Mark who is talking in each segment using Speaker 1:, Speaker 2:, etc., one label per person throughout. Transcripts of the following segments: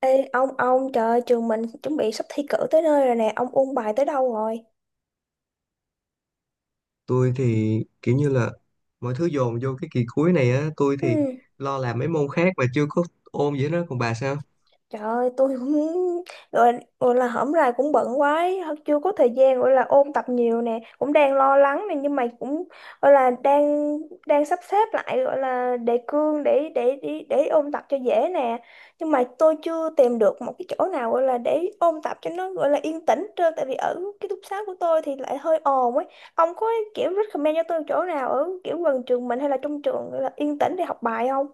Speaker 1: Ê, ông trời trường mình chuẩn bị sắp thi cử tới nơi rồi nè, ông ôn bài tới đâu rồi?
Speaker 2: Tôi thì kiểu như là mọi thứ dồn vô cái kỳ cuối này á. Tôi
Speaker 1: Ừ.
Speaker 2: lo làm mấy môn khác mà chưa có ôn gì đó. Còn bà sao?
Speaker 1: Trời ơi, tôi cũng gọi, gọi là hổm rày cũng bận quá ấy, chưa có thời gian gọi là ôn tập nhiều nè, cũng đang lo lắng nè nhưng mà cũng gọi là đang đang sắp xếp lại gọi là đề cương để ôn tập cho dễ nè. Nhưng mà tôi chưa tìm được một cái chỗ nào gọi là để ôn tập cho nó gọi là yên tĩnh trơn, tại vì ở cái ký túc xá của tôi thì lại hơi ồn ấy. Ông có kiểu recommend cho tôi chỗ nào ở kiểu gần trường mình hay là trong trường gọi là yên tĩnh để học bài không?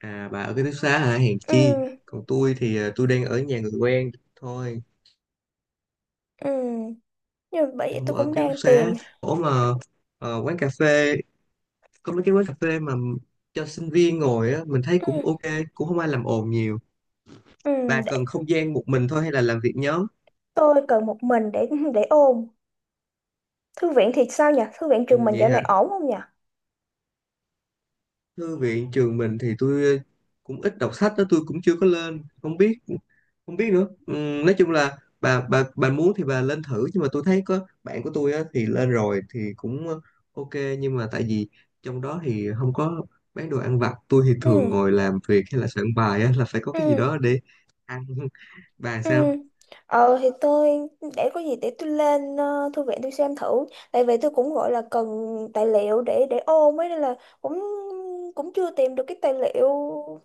Speaker 2: À, bà ở ký túc xá hả? Hèn chi.
Speaker 1: Ừ,
Speaker 2: Còn tôi thì tôi đang ở nhà người quen thôi,
Speaker 1: ừ. Nhưng mà bởi vậy tôi
Speaker 2: không ở
Speaker 1: cũng
Speaker 2: ký túc
Speaker 1: đang
Speaker 2: xá.
Speaker 1: tìm.
Speaker 2: Ủa mà ờ, quán cà phê có mấy cái quán cà phê mà cho sinh viên ngồi á, mình thấy cũng
Speaker 1: Ừ,
Speaker 2: ok, cũng không ai làm ồn nhiều.
Speaker 1: ừ,
Speaker 2: Bà
Speaker 1: để
Speaker 2: cần không gian một mình thôi hay là làm việc nhóm?
Speaker 1: tôi cần một mình để ôn. Thư viện thì sao nhỉ? Thư viện trường
Speaker 2: Ừ,
Speaker 1: mình
Speaker 2: vậy
Speaker 1: dạo
Speaker 2: hả.
Speaker 1: này ổn không nhỉ?
Speaker 2: Thư viện trường mình thì tôi cũng ít đọc sách đó, tôi cũng chưa có lên, không biết nữa. Nói chung là bà muốn thì bà lên thử, nhưng mà tôi thấy có bạn của tôi á, thì lên rồi thì cũng ok. Nhưng mà tại vì trong đó thì không có bán đồ ăn vặt, tôi thì thường
Speaker 1: Ừ,
Speaker 2: ngồi làm việc hay là soạn bài á, là phải có cái gì
Speaker 1: ừ.
Speaker 2: đó để ăn bà
Speaker 1: Ừ.
Speaker 2: sao?
Speaker 1: Ờ thì tôi, để có gì để tôi lên thư viện tôi xem thử, tại vì tôi cũng gọi là cần tài liệu để ôn ấy, nên là cũng cũng chưa tìm được cái tài liệu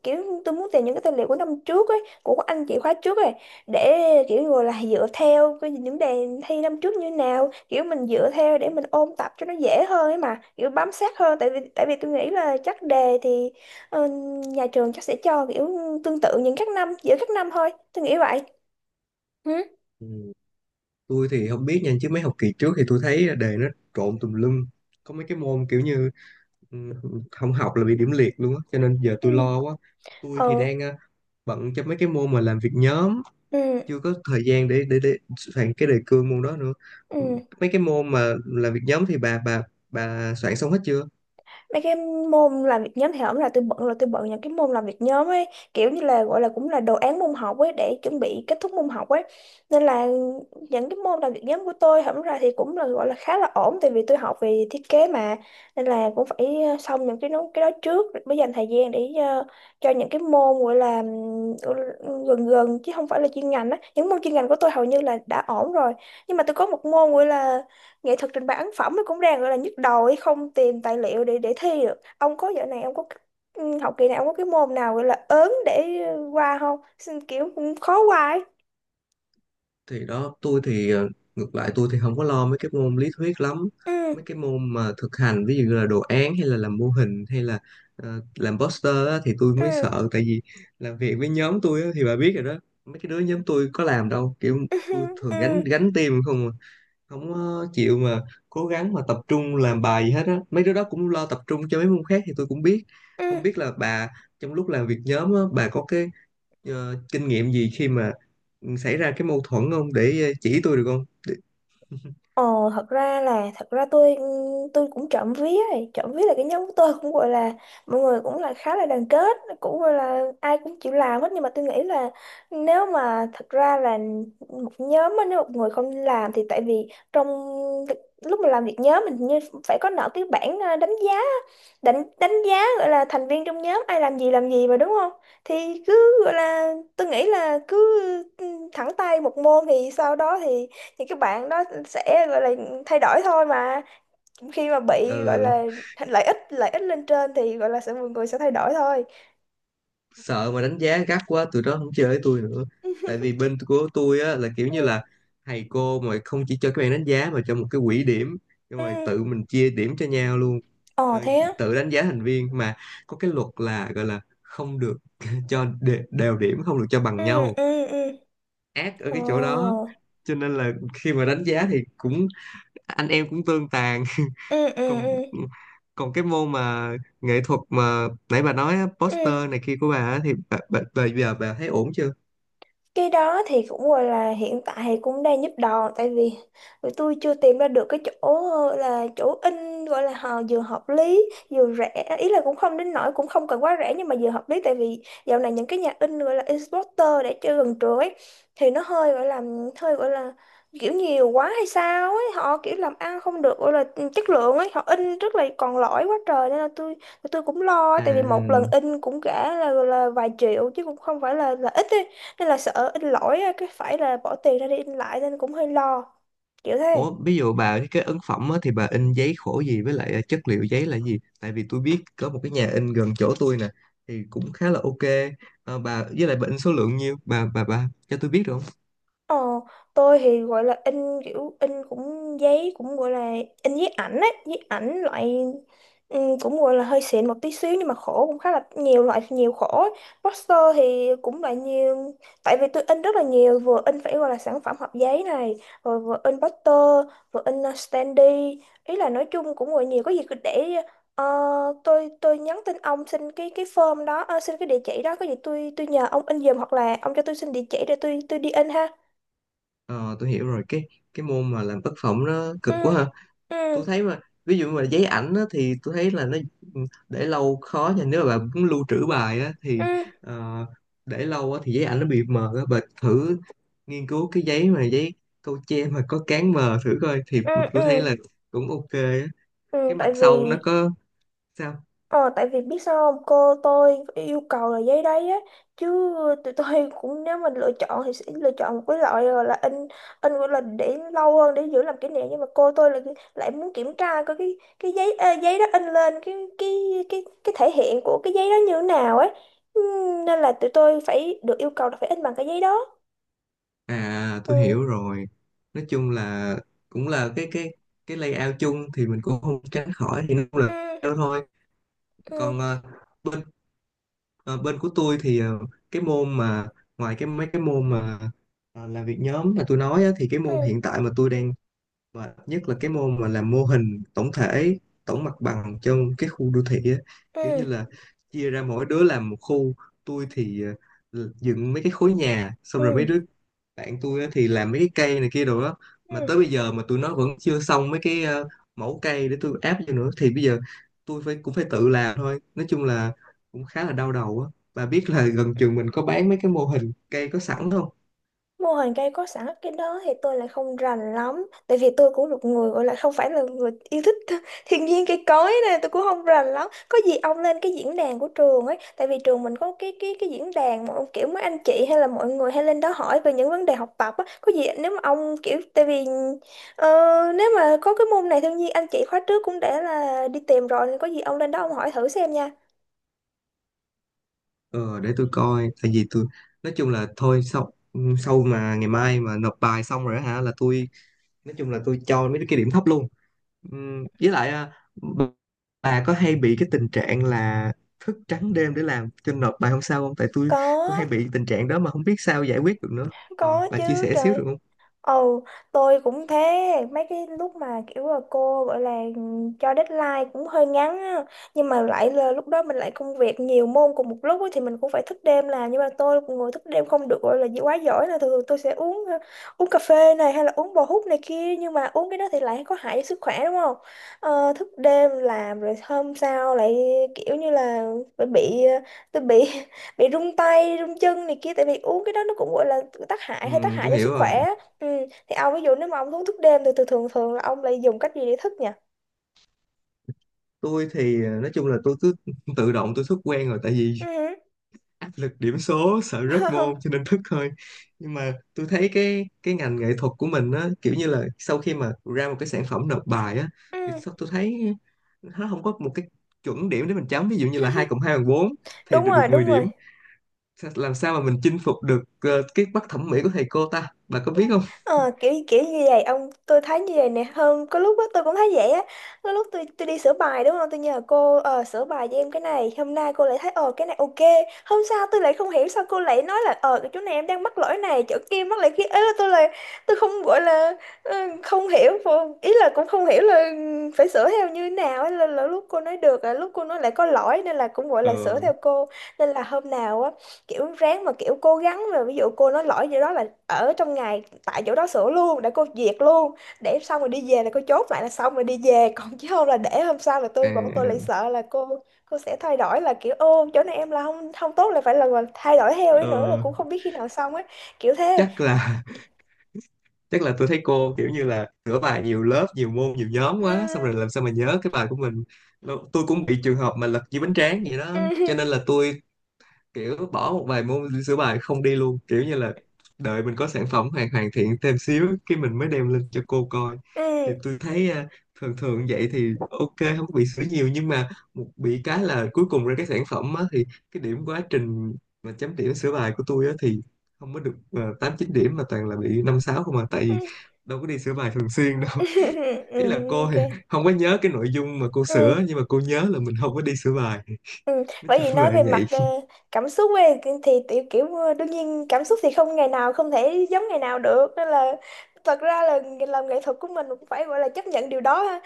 Speaker 1: kiểu, tôi muốn tìm những cái tài liệu của năm trước ấy, của các anh chị khóa trước ấy, để kiểu gọi là dựa theo cái những đề thi năm trước như nào, kiểu mình dựa theo để mình ôn tập cho nó dễ hơn ấy, mà kiểu bám sát hơn, tại vì tôi nghĩ là chắc đề thì ờ, nhà trường chắc sẽ cho kiểu tương tự những các năm, giữa các năm thôi, tôi nghĩ vậy. Ừ.
Speaker 2: Ừ, tôi thì không biết nha, chứ mấy học kỳ trước thì tôi thấy đề nó trộn tùm lum. Có mấy cái môn kiểu như, ừ, không học là bị điểm liệt luôn á, cho nên giờ tôi
Speaker 1: Ừ.
Speaker 2: lo quá. Tôi thì
Speaker 1: Ừ.
Speaker 2: đang bận cho mấy cái môn mà làm việc nhóm,
Speaker 1: Ừ.
Speaker 2: chưa có thời gian để soạn cái đề cương môn đó nữa. Ừ,
Speaker 1: Ừ.
Speaker 2: mấy cái môn mà làm việc nhóm thì bà soạn xong hết chưa?
Speaker 1: Mấy cái môn làm việc nhóm thì không, là tôi bận, là tôi bận những cái môn làm việc nhóm ấy, kiểu như là gọi là cũng là đồ án môn học ấy để chuẩn bị kết thúc môn học ấy, nên là những cái môn làm việc nhóm của tôi hổng ra thì cũng là gọi là khá là ổn, tại vì tôi học về thiết kế mà, nên là cũng phải xong những cái nó cái đó trước mới dành thời gian để cho những cái môn gọi là gần gần chứ không phải là chuyên ngành á, những môn chuyên ngành của tôi hầu như là đã ổn rồi, nhưng mà tôi có một môn gọi là nghệ thuật trình bày ấn phẩm, nó cũng đang gọi là nhức đầu ấy, không tìm tài liệu để thi được. Ông có dạo này ông có, học kỳ này ông có cái môn nào gọi là ớn để qua không? Xin kiểu cũng khó qua ấy.
Speaker 2: Thì đó, tôi thì ngược lại tôi thì không có lo mấy cái môn lý thuyết lắm.
Speaker 1: Ừ.
Speaker 2: Mấy cái môn mà thực hành ví dụ như là đồ án hay là làm mô hình hay là làm poster á, thì tôi
Speaker 1: Ừ.
Speaker 2: mới sợ. Tại vì làm việc với nhóm tôi á, thì bà biết rồi đó, mấy cái đứa nhóm tôi có làm đâu, kiểu
Speaker 1: Ừ.
Speaker 2: tôi thường
Speaker 1: Ừ.
Speaker 2: gánh gánh team không à. Không có chịu mà cố gắng mà tập trung làm bài gì hết á, mấy đứa đó cũng lo tập trung cho mấy môn khác thì tôi cũng biết.
Speaker 1: Ừ.
Speaker 2: Không biết là bà trong lúc làm việc nhóm á, bà có cái kinh nghiệm gì khi mà xảy ra cái mâu thuẫn không, để chỉ tôi được không?
Speaker 1: Ờ, thật ra tôi, tôi cũng trộm vía ấy. Trộm vía là cái nhóm của tôi cũng gọi là mọi người cũng là khá là đoàn kết, cũng gọi là ai cũng chịu làm hết, nhưng mà tôi nghĩ là, nếu mà thật ra là một nhóm á, nếu một người không làm thì, tại vì trong lúc mà làm việc nhóm mình như phải có nợ cái bảng đánh giá, đánh đánh giá gọi là thành viên trong nhóm ai làm gì mà, đúng không? Thì cứ gọi là, tôi nghĩ là cứ ừ, thẳng tay một môn thì sau đó thì các bạn đó sẽ gọi là thay đổi thôi mà, khi mà bị gọi
Speaker 2: Ờ,
Speaker 1: là lợi ích lên trên thì gọi là sẽ mọi người sẽ thay đổi thôi.
Speaker 2: sợ mà đánh giá gắt quá tụi đó không chơi với tôi nữa. Tại vì bên của tôi á là kiểu như
Speaker 1: Ừ.
Speaker 2: là thầy cô mà không chỉ cho các bạn đánh giá mà cho một cái quỹ điểm, xong
Speaker 1: Ừ.
Speaker 2: rồi tự mình chia điểm cho nhau luôn.
Speaker 1: Ờ
Speaker 2: Ờ,
Speaker 1: thế á.
Speaker 2: tự đánh giá thành viên mà, có cái luật là gọi là không được cho đều điểm, không được cho
Speaker 1: Ừ.
Speaker 2: bằng nhau.
Speaker 1: Ừ. Ừ.
Speaker 2: Ác ở
Speaker 1: Ờ.
Speaker 2: cái chỗ đó. Cho nên là khi mà đánh giá thì cũng anh em cũng tương tàn.
Speaker 1: Ừ. Ừ.
Speaker 2: còn
Speaker 1: Ừ.
Speaker 2: còn cái môn mà nghệ thuật mà nãy bà nói á,
Speaker 1: Ừ.
Speaker 2: poster này kia của bà á, thì bà giờ bà thấy ổn chưa?
Speaker 1: Cái đó thì cũng gọi là hiện tại thì cũng đang giúp đòn, tại vì tụi tôi chưa tìm ra được cái chỗ là chỗ in gọi là họ vừa hợp lý vừa rẻ, ý là cũng không đến nỗi cũng không cần quá rẻ nhưng mà vừa hợp lý, tại vì dạo này những cái nhà in gọi là Exporter để chơi gần trường ấy, thì nó hơi gọi là hơi gọi là kiểu nhiều quá hay sao ấy, họ kiểu làm ăn không được gọi là chất lượng ấy, họ in rất là còn lỗi quá trời, nên là tôi cũng lo, tại vì một lần
Speaker 2: À,
Speaker 1: in cũng cả là vài triệu chứ cũng không phải là ít ấy. Hay là sợ in lỗi á, cái phải là bỏ tiền ra để in lại nên cũng hơi lo kiểu thế.
Speaker 2: ủa ví dụ bà cái ấn phẩm á, thì bà in giấy khổ gì, với lại à, chất liệu giấy là gì? Tại vì tôi biết có một cái nhà in gần chỗ tôi nè, thì cũng khá là ok. Ờ, bà với lại bà in số lượng nhiêu, bà cho tôi biết được không?
Speaker 1: Ờ, tôi thì gọi là in, kiểu in cũng giấy cũng gọi là in giấy ảnh á, giấy ảnh loại, ừ, cũng gọi là hơi xịn một tí xíu nhưng mà khổ cũng khá là nhiều loại nhiều khổ ấy. Poster thì cũng là nhiều, tại vì tôi in rất là nhiều, vừa in phải gọi là sản phẩm hộp giấy này, rồi vừa in poster, vừa in standee, ý là nói chung cũng gọi nhiều, có gì cứ để ờ, tôi nhắn tin ông xin cái form đó, xin cái địa chỉ đó, có gì tôi nhờ ông in giùm, hoặc là ông cho tôi xin địa chỉ để tôi đi in ha.
Speaker 2: Ờ tôi hiểu rồi, cái môn mà làm tác phẩm nó
Speaker 1: Ừ.
Speaker 2: cực quá ha.
Speaker 1: Ừ.
Speaker 2: Tôi thấy mà ví dụ mà giấy ảnh á, thì tôi thấy là nó ừ, để lâu khó nha. Nếu mà bạn muốn lưu trữ bài á, thì
Speaker 1: Ừ.
Speaker 2: ờ, để lâu á, thì giấy ảnh nó bị mờ á. Bà thử nghiên cứu cái giấy mà giấy câu tre mà có cán mờ thử coi thì
Speaker 1: Ừ.
Speaker 2: tôi thấy
Speaker 1: Ừ,
Speaker 2: là cũng ok á.
Speaker 1: ừ.
Speaker 2: Cái mặt
Speaker 1: Tại vì,
Speaker 2: sau nó có sao?
Speaker 1: ờ, tại vì biết sao không, cô tôi yêu cầu là giấy đấy á, chứ tụi tôi cũng nếu mình lựa chọn thì sẽ lựa chọn một cái loại gọi là in gọi là để lâu hơn để giữ làm kỷ niệm, nhưng mà cô tôi lại lại muốn kiểm tra coi cái giấy, giấy đó in lên cái cái thể hiện của cái giấy đó như thế nào ấy. Ừ, nên là tụi tôi phải được yêu cầu là phải in bằng cái giấy đó.
Speaker 2: À
Speaker 1: Ừ.
Speaker 2: tôi hiểu rồi, nói chung là cũng là cái layout chung thì mình cũng không tránh khỏi, thì nó cũng là
Speaker 1: Ừ.
Speaker 2: layout thôi.
Speaker 1: Ừ.
Speaker 2: Còn ờ, bên Ờ, bên của tôi thì cái môn mà ngoài cái mấy cái môn mà làm việc nhóm mà tôi nói á, thì cái môn hiện
Speaker 1: Ừ.
Speaker 2: tại mà tôi đang mệt nhất là cái môn mà làm mô hình tổng thể, tổng mặt bằng cho cái khu đô thị á. Kiểu như
Speaker 1: Ừ.
Speaker 2: là chia ra mỗi đứa làm một khu, tôi thì dựng mấy cái khối nhà xong
Speaker 1: Ừ.
Speaker 2: rồi mấy đứa bạn tôi á thì làm mấy cái cây này kia đồ đó. Mà
Speaker 1: Ừ.
Speaker 2: tới bây giờ mà tụi nó vẫn chưa xong mấy cái mẫu cây để tôi áp vô nữa, thì bây giờ tôi phải cũng phải tự làm thôi. Nói chung là cũng khá là đau đầu á. Bà biết là gần trường mình có bán mấy cái mô hình cây có sẵn không?
Speaker 1: Mô hình cây có sẵn cái đó thì tôi lại không rành lắm. Tại vì tôi cũng một người gọi là không phải là người yêu thích thiên nhiên cây cối này, tôi cũng không rành lắm. Có gì ông lên cái diễn đàn của trường ấy, tại vì trường mình có cái cái diễn đàn mà ông kiểu mấy anh chị hay là mọi người hay lên đó hỏi về những vấn đề học tập á. Có gì nếu mà ông kiểu, tại vì ờ, nếu mà có cái môn này thiên nhiên, anh chị khóa trước cũng đã là đi tìm rồi, nên có gì ông lên đó ông hỏi thử xem nha.
Speaker 2: Ờ, để tôi coi. Tại vì tôi nói chung là thôi sau sau mà ngày mai mà nộp bài xong rồi á hả là tôi nói chung là tôi cho mấy cái điểm thấp luôn. Với lại à, bà có hay bị cái tình trạng là thức trắng đêm để làm cho nộp bài hôm sau không? Tại tôi hay
Speaker 1: Có,
Speaker 2: bị tình trạng đó mà không biết sao giải quyết được nữa. Ờ,
Speaker 1: có
Speaker 2: bà chia
Speaker 1: chứ
Speaker 2: sẻ xíu được
Speaker 1: trời.
Speaker 2: không?
Speaker 1: Ừ, tôi cũng thế, mấy cái lúc mà kiểu là cô gọi là cho deadline cũng hơi ngắn á, nhưng mà lại là lúc đó mình lại công việc nhiều môn cùng một lúc á, thì mình cũng phải thức đêm làm, nhưng mà tôi cũng ngồi thức đêm không được, gọi là gì quá giỏi, là thường thường tôi sẽ uống uống cà phê này hay là uống bò hút này kia, nhưng mà uống cái đó thì lại có hại cho sức khỏe đúng không? Ờ, thức đêm làm rồi hôm sau lại kiểu như là bị, tôi bị bị run tay, run chân này kia, tại vì uống cái đó nó cũng gọi là tác hại
Speaker 2: Tôi
Speaker 1: cho sức
Speaker 2: hiểu rồi.
Speaker 1: khỏe. Ừ. Thì ông ví dụ nếu mà ông uống thuốc đêm thì thường thường thường là ông lại dùng cách gì để thức nhỉ?
Speaker 2: Tôi thì à, nói chung là tôi cứ tự động, tôi xuất quen rồi. Tại vì
Speaker 1: Ừ.
Speaker 2: áp lực điểm số, sợ rớt môn cho nên thức thôi. Nhưng mà tôi thấy cái ngành nghệ thuật của mình á, kiểu như là sau khi mà ra một cái sản phẩm nộp bài á, thì
Speaker 1: Ừ.
Speaker 2: sao tôi thấy nó không có một cái chuẩn điểm để mình chấm. Ví dụ như là hai cộng hai bằng bốn thì
Speaker 1: Đúng
Speaker 2: được được
Speaker 1: rồi,
Speaker 2: 10
Speaker 1: đúng
Speaker 2: điểm.
Speaker 1: rồi.
Speaker 2: Làm sao mà mình chinh phục được cái mắt thẩm mỹ của thầy cô ta, bà có biết không?
Speaker 1: Ờ, kiểu kiểu như vậy ông, tôi thấy như vậy nè, hơn có lúc á tôi cũng thấy vậy á, có lúc tôi đi sửa bài đúng không, tôi nhờ cô sửa bài cho em cái này, hôm nay cô lại thấy ờ cái này ok, hôm sau tôi lại không hiểu sao cô lại nói là ờ cái chỗ này em đang mắc lỗi này chỗ kia mắc lỗi kia ấy, là tôi không gọi là ờ, không hiểu ý là cũng không hiểu là phải sửa theo như thế nào ấy, là lúc cô nói được là lúc cô nói lại có lỗi, nên là cũng gọi
Speaker 2: Ờ,
Speaker 1: là sửa theo cô, nên là hôm nào á kiểu ráng mà kiểu cố gắng mà, ví dụ cô nói lỗi gì đó là ở trong ngày tại chỗ đó sửa luôn để cô duyệt luôn, để xong rồi đi về là cô chốt lại là xong rồi đi về còn chứ không là để hôm sau là
Speaker 2: à,
Speaker 1: bọn tôi lại sợ là cô sẽ thay đổi là kiểu ô chỗ này em là không không tốt, là phải là thay đổi theo ấy nữa là
Speaker 2: ờ,
Speaker 1: cũng không biết khi nào xong ấy, kiểu thế.
Speaker 2: chắc là Tức là tôi thấy cô kiểu như là sửa bài nhiều lớp, nhiều môn, nhiều nhóm
Speaker 1: Ừ,
Speaker 2: quá. Xong rồi làm sao mà nhớ cái bài của mình. Tôi cũng bị trường hợp mà lật dưới bánh tráng vậy đó. Cho
Speaker 1: ừ,
Speaker 2: nên là tôi kiểu bỏ một vài môn sửa bài không đi luôn, kiểu như là đợi mình có sản phẩm hoàn hoàn thiện thêm xíu cái mình mới đem lên cho cô coi.
Speaker 1: ừ,
Speaker 2: Thì tôi thấy à, thường thường vậy thì ok, không có bị sửa nhiều, nhưng mà một bị cái là cuối cùng ra cái sản phẩm á, thì cái điểm quá trình mà chấm điểm sửa bài của tôi á, thì không có được 8 9 điểm mà toàn là bị 5 6 không à. Tại
Speaker 1: ừ,
Speaker 2: vì đâu có đi sửa bài thường xuyên đâu.
Speaker 1: ừ,
Speaker 2: Ý là
Speaker 1: ừ,
Speaker 2: cô
Speaker 1: ok.
Speaker 2: thì không có nhớ cái nội dung mà cô
Speaker 1: Ừ,
Speaker 2: sửa nhưng mà cô nhớ là mình không có đi sửa bài.
Speaker 1: ừ.
Speaker 2: Nói
Speaker 1: Bởi vì
Speaker 2: chung là
Speaker 1: nói về
Speaker 2: vậy.
Speaker 1: mặt cảm xúc ấy thì tiểu kiểu ờ, đương nhiên cảm xúc thì không ngày nào không thể giống ngày nào được, nên là thật ra là làm nghệ thuật của mình cũng phải gọi là chấp nhận điều đó ha,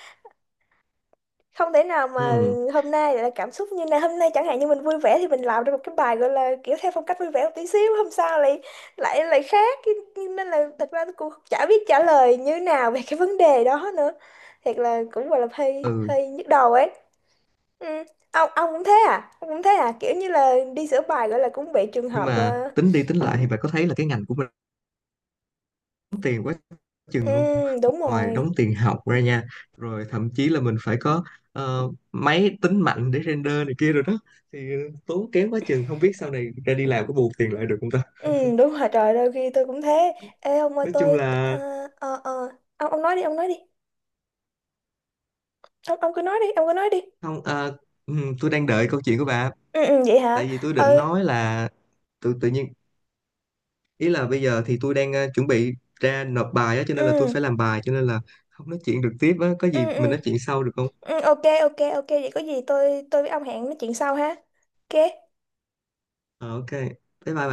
Speaker 1: không thể nào mà
Speaker 2: Ừ.
Speaker 1: hôm nay lại là cảm xúc như này, hôm nay chẳng hạn như mình vui vẻ thì mình làm ra một cái bài gọi là kiểu theo phong cách vui vẻ một tí xíu, hôm sau lại lại lại khác, nên là thật ra tôi cũng chả biết trả lời như nào về cái vấn đề đó nữa, thiệt là cũng gọi là hơi
Speaker 2: Ừ
Speaker 1: hơi nhức đầu ấy. Ừ. Ông cũng thế à? Ông cũng thế à kiểu như là đi sửa bài gọi là cũng bị trường
Speaker 2: nhưng
Speaker 1: hợp
Speaker 2: mà
Speaker 1: ờ,
Speaker 2: tính đi tính lại thì bạn có thấy là cái ngành của mình đóng tiền quá
Speaker 1: ừ,
Speaker 2: chừng không?
Speaker 1: đúng
Speaker 2: Ngoài
Speaker 1: rồi.
Speaker 2: đóng tiền học ra nha, rồi thậm chí là mình phải có máy tính mạnh để render này kia rồi đó. Thì tốn kém quá chừng, không biết sau này ra đi làm có bù tiền lại được không ta.
Speaker 1: Ừ, đúng rồi trời, đôi khi tôi cũng thế. Ê ông ơi
Speaker 2: Nói chung
Speaker 1: tôi, ờ,
Speaker 2: là
Speaker 1: ờ ờ, ông nói đi ông nói đi, ông cứ nói đi ông cứ nói đi.
Speaker 2: không tôi đang đợi câu chuyện của bà.
Speaker 1: Ừ, ừ, vậy hả.
Speaker 2: Tại vì tôi định
Speaker 1: Ừ.
Speaker 2: nói là tự tự nhiên ý là bây giờ thì tôi đang chuẩn bị ra nộp bài á, cho nên là tôi phải
Speaker 1: Ừ.
Speaker 2: làm bài, cho nên là không nói chuyện được tiếp á. Có gì
Speaker 1: Ừ.
Speaker 2: mình
Speaker 1: Ừ.
Speaker 2: nói chuyện sau được không?
Speaker 1: Ừ, ok ok ok, vậy có gì tôi với ông hẹn nói chuyện sau ha. Ok.
Speaker 2: Ờ, ok bye. Bye bà.